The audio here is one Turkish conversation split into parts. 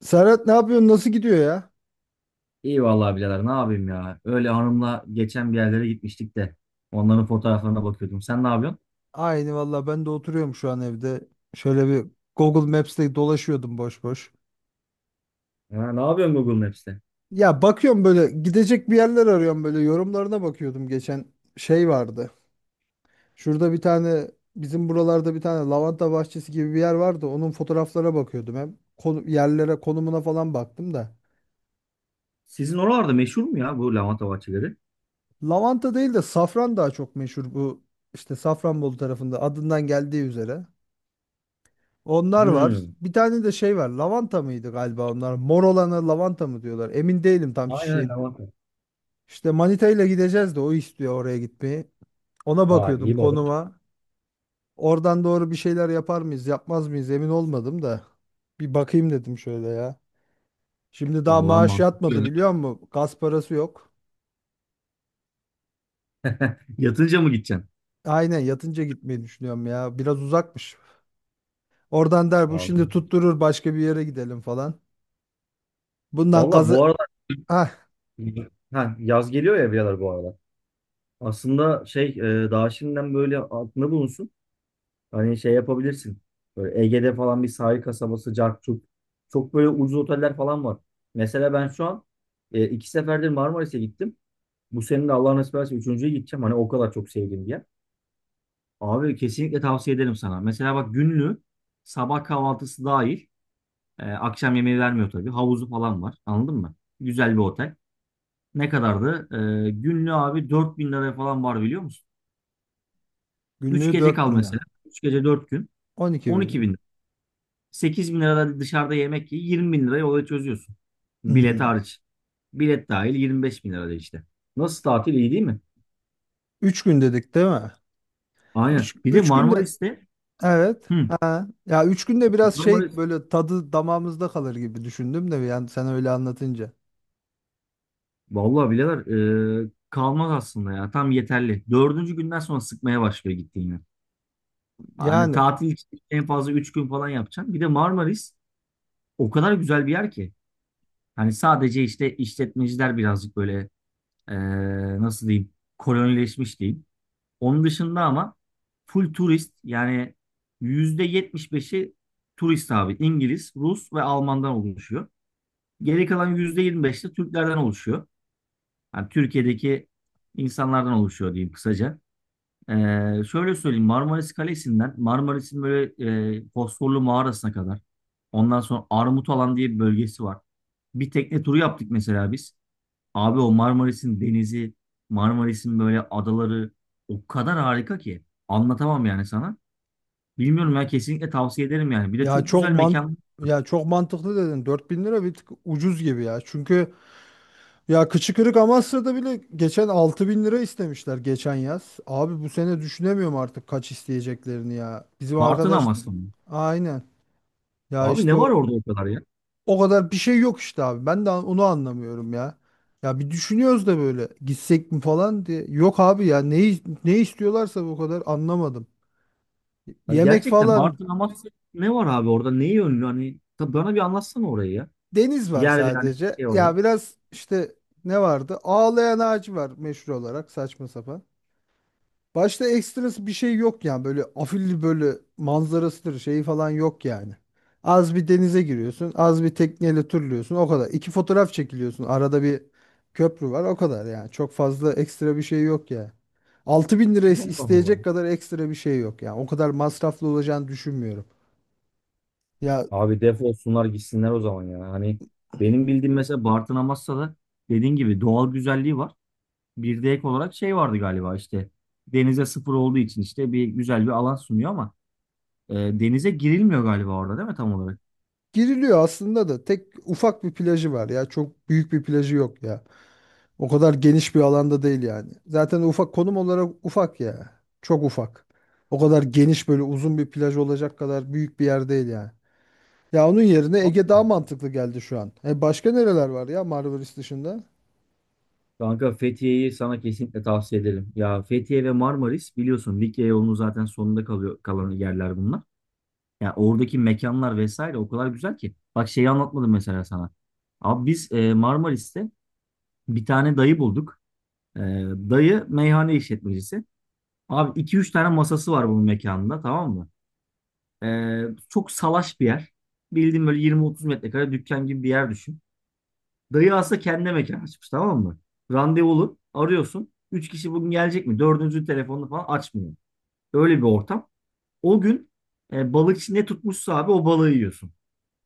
Serhat, ne yapıyorsun? Nasıl gidiyor ya? İyi vallahi birader ne yapayım ya. Öyle hanımla geçen bir yerlere gitmiştik de. Onların fotoğraflarına bakıyordum. Sen ne yapıyorsun? Aynı valla, ben de oturuyorum şu an evde. Şöyle bir Google Maps'te dolaşıyordum boş boş. Ha, ne yapıyorsun Google Maps'te? Ya bakıyorum böyle, gidecek bir yerler arıyorum, böyle yorumlarına bakıyordum geçen şey vardı. Şurada bir tane, bizim buralarda bir tane lavanta bahçesi gibi bir yer vardı. Onun fotoğraflara bakıyordum, hem konu, yerlere, konumuna falan baktım da. Sizin oralarda meşhur mu ya bu lavanta bahçeleri? Lavanta değil de safran daha çok meşhur, bu işte Safranbolu tarafında adından geldiği üzere. Onlar var. Hmm. Bir tane de şey var. Lavanta mıydı galiba onlar? Mor olana lavanta mı diyorlar? Emin değilim tam Aynen çiçeğin. lavanta. İşte manitayla gideceğiz de o istiyor oraya gitmeyi. Ona Vay bakıyordum, iyi baba. konuma. Oradan doğru bir şeyler yapar mıyız, yapmaz mıyız emin olmadım da. Bir bakayım dedim şöyle ya. Şimdi daha Vallahi maaş yatmadı, mantıklı. biliyor musun? Gaz parası yok. Yatınca mı gideceksin? Aynen, yatınca gitmeyi düşünüyorum ya. Biraz uzakmış. Oradan der bu şimdi, Abi. tutturur başka bir yere gidelim falan. Bundan Valla gazı... bu arada Ah, ha, yaz geliyor ya birader bu arada. Aslında şey daha şimdiden böyle aklında bulunsun. Hani şey yapabilirsin. Böyle Ege'de falan bir sahil kasabası, Carçuk. Çok böyle ucuz oteller falan var. Mesela ben şu an iki seferdir Marmaris'e gittim. Bu senin de Allah nasip ederse üçüncüye gideceğim. Hani o kadar çok sevdiğim bir yer. Abi kesinlikle tavsiye ederim sana. Mesela bak günlü sabah kahvaltısı dahil akşam yemeği vermiyor tabii. Havuzu falan var. Anladın mı? Güzel bir otel. Ne kadardı? Günlü abi 4.000 liraya falan var biliyor musun? 3 günlüğü gece dört kal bin mesela. lira. 3 gece 4 gün. on iki on bin iki lira. bin 8 bin lirada dışarıda yemek ye 20 bin lirayı olaya çözüyorsun. Bilet Hmm. hariç. Bilet dahil 25 bin lirada işte. Nasıl tatil iyi değil mi? Üç gün dedik değil mi? Aynen. Üç, Bir de üç günde Marmaris'te evet. hı, Ha. Ya üç günde biraz şey, Marmaris böyle tadı damağımızda kalır gibi düşündüm de, yani sen öyle anlatınca. vallahi bileler kalmaz aslında ya. Tam yeterli. Dördüncü günden sonra sıkmaya başlıyor gittiğini. Hani Yani tatil için en fazla 3 gün falan yapacaksın. Bir de Marmaris o kadar güzel bir yer ki. Hani sadece işte işletmeciler birazcık böyle e, nasıl diyeyim kolonileşmiş diyeyim. Onun dışında ama full turist yani %75'i turist abi. İngiliz, Rus ve Alman'dan oluşuyor. Geri kalan %25 de Türklerden oluşuyor. Yani Türkiye'deki insanlardan oluşuyor diyeyim kısaca. Ee, şöyle söyleyeyim Marmaris Kalesi'nden Marmaris'in böyle Fosforlu mağarasına kadar. Ondan sonra Armutalan diye bir bölgesi var. Bir tekne turu yaptık mesela biz. Abi o Marmaris'in denizi, Marmaris'in böyle adaları o kadar harika ki anlatamam yani sana. Bilmiyorum ya kesinlikle tavsiye ederim yani. Bir de ya çok çok güzel man mekan ya çok mantıklı dedin. 4000 lira bir tık ucuz gibi ya. Çünkü ya kıçı kırık Amasya'da bile geçen 6.000 lira istemişler geçen yaz. Abi bu sene düşünemiyorum artık kaç isteyeceklerini ya. Bizim Bartın arkadaş Amasya mı? aynen. Ya Abi işte ne var o, orada o kadar ya? o kadar bir şey yok işte abi. Ben de onu anlamıyorum ya. Ya bir düşünüyoruz da böyle gitsek mi falan diye. Yok abi ya ne istiyorlarsa, bu kadar anlamadım. Hani Yemek gerçekten falan, Bartın Amasya ne var abi orada? Neyi ünlü? Hani tabii bana bir anlatsana orayı ya. deniz var Yer ve yani sadece. şey olarak. Ya biraz işte ne vardı? Ağlayan ağacı var meşhur olarak, saçma sapan. Başta ekstrası bir şey yok yani, böyle afilli böyle manzarasıdır şeyi falan yok yani. Az bir denize giriyorsun, az bir tekneyle turluyorsun o kadar. İki fotoğraf çekiliyorsun, arada bir köprü var, o kadar yani. Çok fazla ekstra bir şey yok ya. 6.000 lira Allah isteyecek Allah. kadar ekstra bir şey yok yani. O kadar masraflı olacağını düşünmüyorum. Ya Abi def olsunlar gitsinler o zaman ya. Hani benim bildiğim mesela Bartın Amasya'da dediğin gibi doğal güzelliği var. Bir de ek olarak şey vardı galiba işte denize sıfır olduğu için işte bir güzel bir alan sunuyor ama denize girilmiyor galiba orada değil mi tam olarak? giriliyor aslında da, tek ufak bir plajı var ya, çok büyük bir plajı yok ya. O kadar geniş bir alanda değil yani. Zaten ufak, konum olarak ufak ya. Çok ufak. O kadar geniş böyle uzun bir plaj olacak kadar büyük bir yer değil yani. Ya onun yerine Ege daha Vallahi. mantıklı geldi şu an. E başka nereler var ya Marmaris dışında? Kanka Fethiye'yi sana kesinlikle tavsiye ederim. Ya Fethiye ve Marmaris biliyorsun Likya yolunun zaten sonunda kalıyor kalan yerler bunlar. Ya oradaki mekanlar vesaire o kadar güzel ki. Bak şeyi anlatmadım mesela sana. Abi biz Marmaris'te bir tane dayı bulduk. E, dayı meyhane işletmecisi. Abi iki üç tane masası var bunun mekanında tamam mı? Ee, çok salaş bir yer. Bildiğin böyle 20-30 metrekare dükkan gibi bir yer düşün. Dayı aslında kendine mekan açmış tamam mı? Randevulu arıyorsun. 3 kişi bugün gelecek mi? Dördüncü telefonunu falan açmıyor. Öyle bir ortam. O gün balıkçı ne tutmuşsa abi o balığı yiyorsun.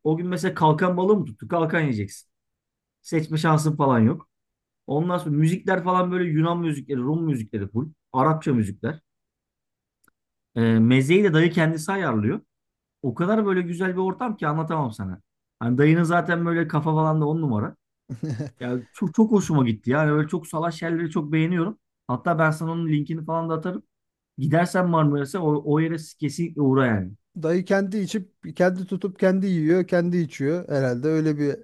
O gün mesela kalkan balığı mı tuttu? Kalkan yiyeceksin. Seçme şansın falan yok. Ondan sonra müzikler falan böyle Yunan müzikleri, Rum müzikleri full. Arapça müzikler. Mezeyi de dayı kendisi ayarlıyor. O kadar böyle güzel bir ortam ki anlatamam sana. Hani dayının zaten böyle kafa falan da on numara. Ya çok, çok hoşuma gitti. Yani öyle çok salaş yerleri çok beğeniyorum. Hatta ben sana onun linkini falan da atarım. Gidersen Marmaris'e o yere kesinlikle uğra yani. Dayı kendi içip kendi tutup kendi yiyor, kendi içiyor herhalde. Öyle bir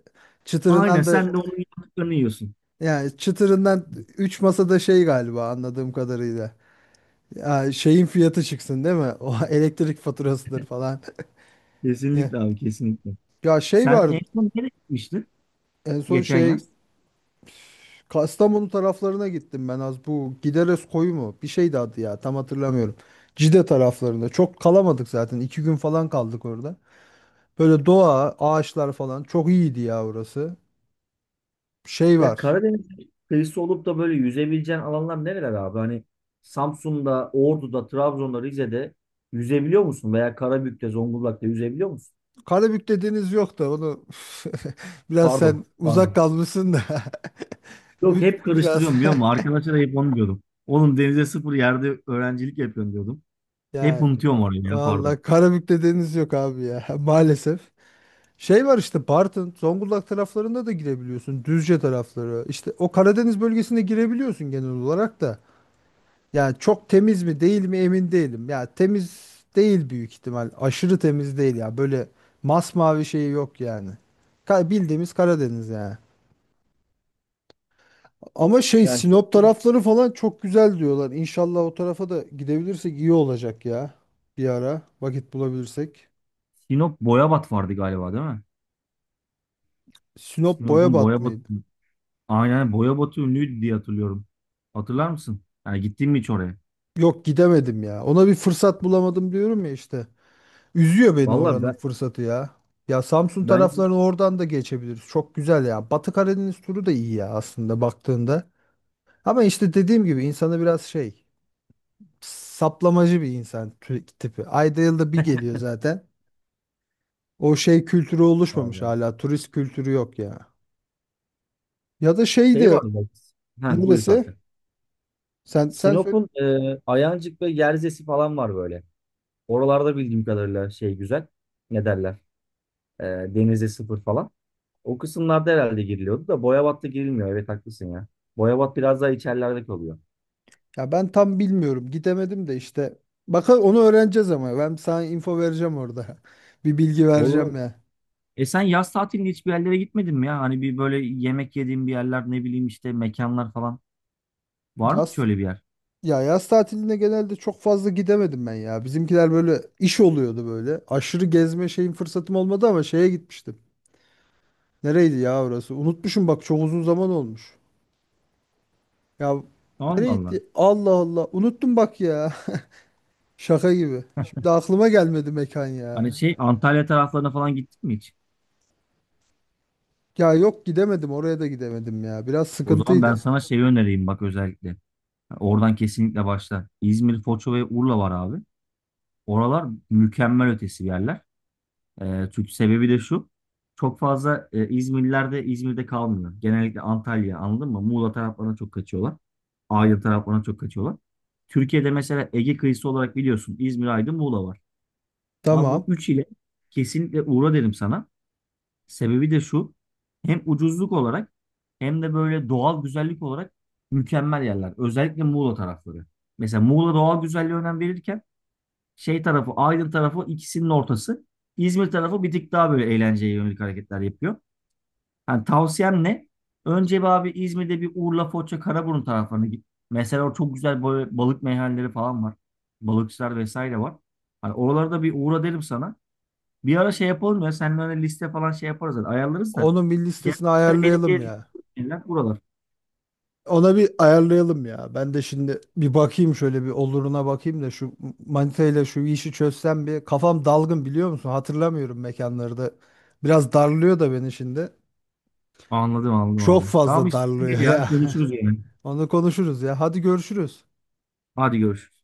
Aynen çıtırından da, sen de onun yaptıklarını yiyorsun. yani çıtırından 3 masada şey galiba, anladığım kadarıyla. Ya şeyin fiyatı çıksın değil mi? O elektrik faturasıdır falan. Ya Kesinlikle abi kesinlikle. ya şey Sen var en son nereye gitmiştin en son geçen şey yaz? Kastamonu taraflarına gittim ben az, bu Gideres koyu mu? Bir şeydi adı, ya tam hatırlamıyorum. Cide taraflarında çok kalamadık, zaten 2 gün falan kaldık orada. Böyle doğa, ağaçlar falan çok iyiydi ya orası. Şey Ya var, Karadeniz kıyısı olup da böyle yüzebileceğin alanlar nereler abi? Hani Samsun'da, Ordu'da, Trabzon'da, Rize'de yüzebiliyor musun? Veya Karabük'te, Zonguldak'ta yüzebiliyor musun? Karabük'te deniz yok da onu, biraz Pardon, sen uzak pardon. kalmışsın da Yok üzdü hep biraz. karıştırıyorum biliyor musun? Arkadaşlara hep onu diyordum. Oğlum denize sıfır yerde öğrencilik yapıyorum diyordum. Hep Yani unutuyorum orayı ya pardon. valla Karabük'te deniz yok abi ya maalesef. Şey var işte, Bartın, Zonguldak taraflarında da girebiliyorsun. Düzce tarafları. İşte o Karadeniz bölgesinde girebiliyorsun genel olarak da. Yani çok temiz mi değil mi emin değilim. Ya temiz değil büyük ihtimal. Aşırı temiz değil ya. Böyle masmavi şeyi yok yani. Bildiğimiz Karadeniz yani. Ama şey, Yani Sinop çok- tarafları falan çok güzel diyorlar. İnşallah o tarafa da gidebilirsek iyi olacak ya. Bir ara vakit bulabilirsek. Sinop Boyabat vardı galiba değil mi? Sinop Sinop'un Boyabat Boyabat mıydı? aynen Boyabat'ı ünlüydü diye hatırlıyorum. Hatırlar mısın? Yani gittin mi hiç oraya? Yok gidemedim ya. Ona bir fırsat bulamadım diyorum ya işte. Üzüyor beni Vallahi oranın ben fırsatı ya. Ya Samsun ben taraflarını oradan da geçebiliriz. Çok güzel ya. Batı Karadeniz turu da iyi ya aslında baktığında. Ama işte dediğim gibi, insanı biraz şey, saplamacı bir insan tipi. Ayda yılda bir geliyor zaten. O şey kültürü oluşmamış Allah. hala. Turist kültürü yok ya. Ya da şey Şey var de, mı? Ha, buyur kanka. neresi? Sen söyle. Sinop'un Ayancık ve Yerzesi falan var böyle. Oralarda bildiğim kadarıyla şey güzel. Ne derler? E, denize sıfır falan. O kısımlarda herhalde giriliyordu da Boyabat'ta girilmiyor. Evet haklısın ya. Boyabat biraz daha içerilerde kalıyor. Ya ben tam bilmiyorum. Gidemedim de işte. Bakın onu öğreneceğiz ama. Ben sana info vereceğim orada. Bir bilgi vereceğim Olur. ya. Sen yaz tatilinde hiçbir yerlere gitmedin mi ya? Hani bir böyle yemek yediğin bir yerler ne bileyim işte mekanlar falan. Var mı hiç Yaz, öyle bir yer? ya yaz tatiline genelde çok fazla gidemedim ben ya. Bizimkiler böyle iş oluyordu böyle. Aşırı gezme şeyin fırsatım olmadı, ama şeye gitmiştim. Nereydi ya orası? Unutmuşum bak, çok uzun zaman olmuş. Ya Allah Allah. nereydi? Allah Allah. Unuttum bak ya. Şaka gibi. Şimdi aklıma gelmedi mekan Hani ya. şey Antalya taraflarına falan gittin mi hiç? Ya yok, gidemedim oraya da, gidemedim ya. Biraz O zaman ben sıkıntıydı. sana şeyi önereyim bak özellikle. Oradan kesinlikle başla. İzmir, Foça ve Urla var abi. Oralar mükemmel ötesi yerler. Çünkü sebebi de şu. Çok fazla İzmirliler de İzmir'de kalmıyor. Genellikle Antalya anladın mı? Muğla taraflarına çok kaçıyorlar. Aydın taraflarına çok kaçıyorlar. Türkiye'de mesela Ege kıyısı olarak biliyorsun İzmir, Aydın, Muğla var. Abi bu Tamam. üç ile kesinlikle uğra derim sana. Sebebi de şu. Hem ucuzluk olarak hem de böyle doğal güzellik olarak mükemmel yerler. Özellikle Muğla tarafları. Mesela Muğla doğal güzelliğe önem verirken şey tarafı, Aydın tarafı ikisinin ortası. İzmir tarafı bir tık daha böyle eğlenceye yönelik hareketler yapıyor. Yani tavsiyem ne? Önce bir abi İzmir'de bir Urla, Foça, Karaburun taraflarına git. Mesela orada çok güzel böyle balık meyhaneleri falan var. Balıkçılar vesaire var. Hani oralarda bir uğra derim sana. Bir ara şey yapalım ya. Seninle öyle liste falan şey yaparız. Yani ayarlarız da. Onun bir listesini Genelde benim ayarlayalım gezdiğim ya. yerler buralar. Ona bir ayarlayalım ya. Ben de şimdi bir bakayım, şöyle bir oluruna bakayım da, şu manita şu işi çözsem bir, kafam dalgın biliyor musun? Hatırlamıyorum mekanları da. Biraz darlıyor da beni şimdi. Anladım anladım Çok abi. Tamam fazla hiç sorun darlıyor değil ya. ya. Konuşuruz yine. Onu konuşuruz ya. Hadi görüşürüz. Hadi görüşürüz.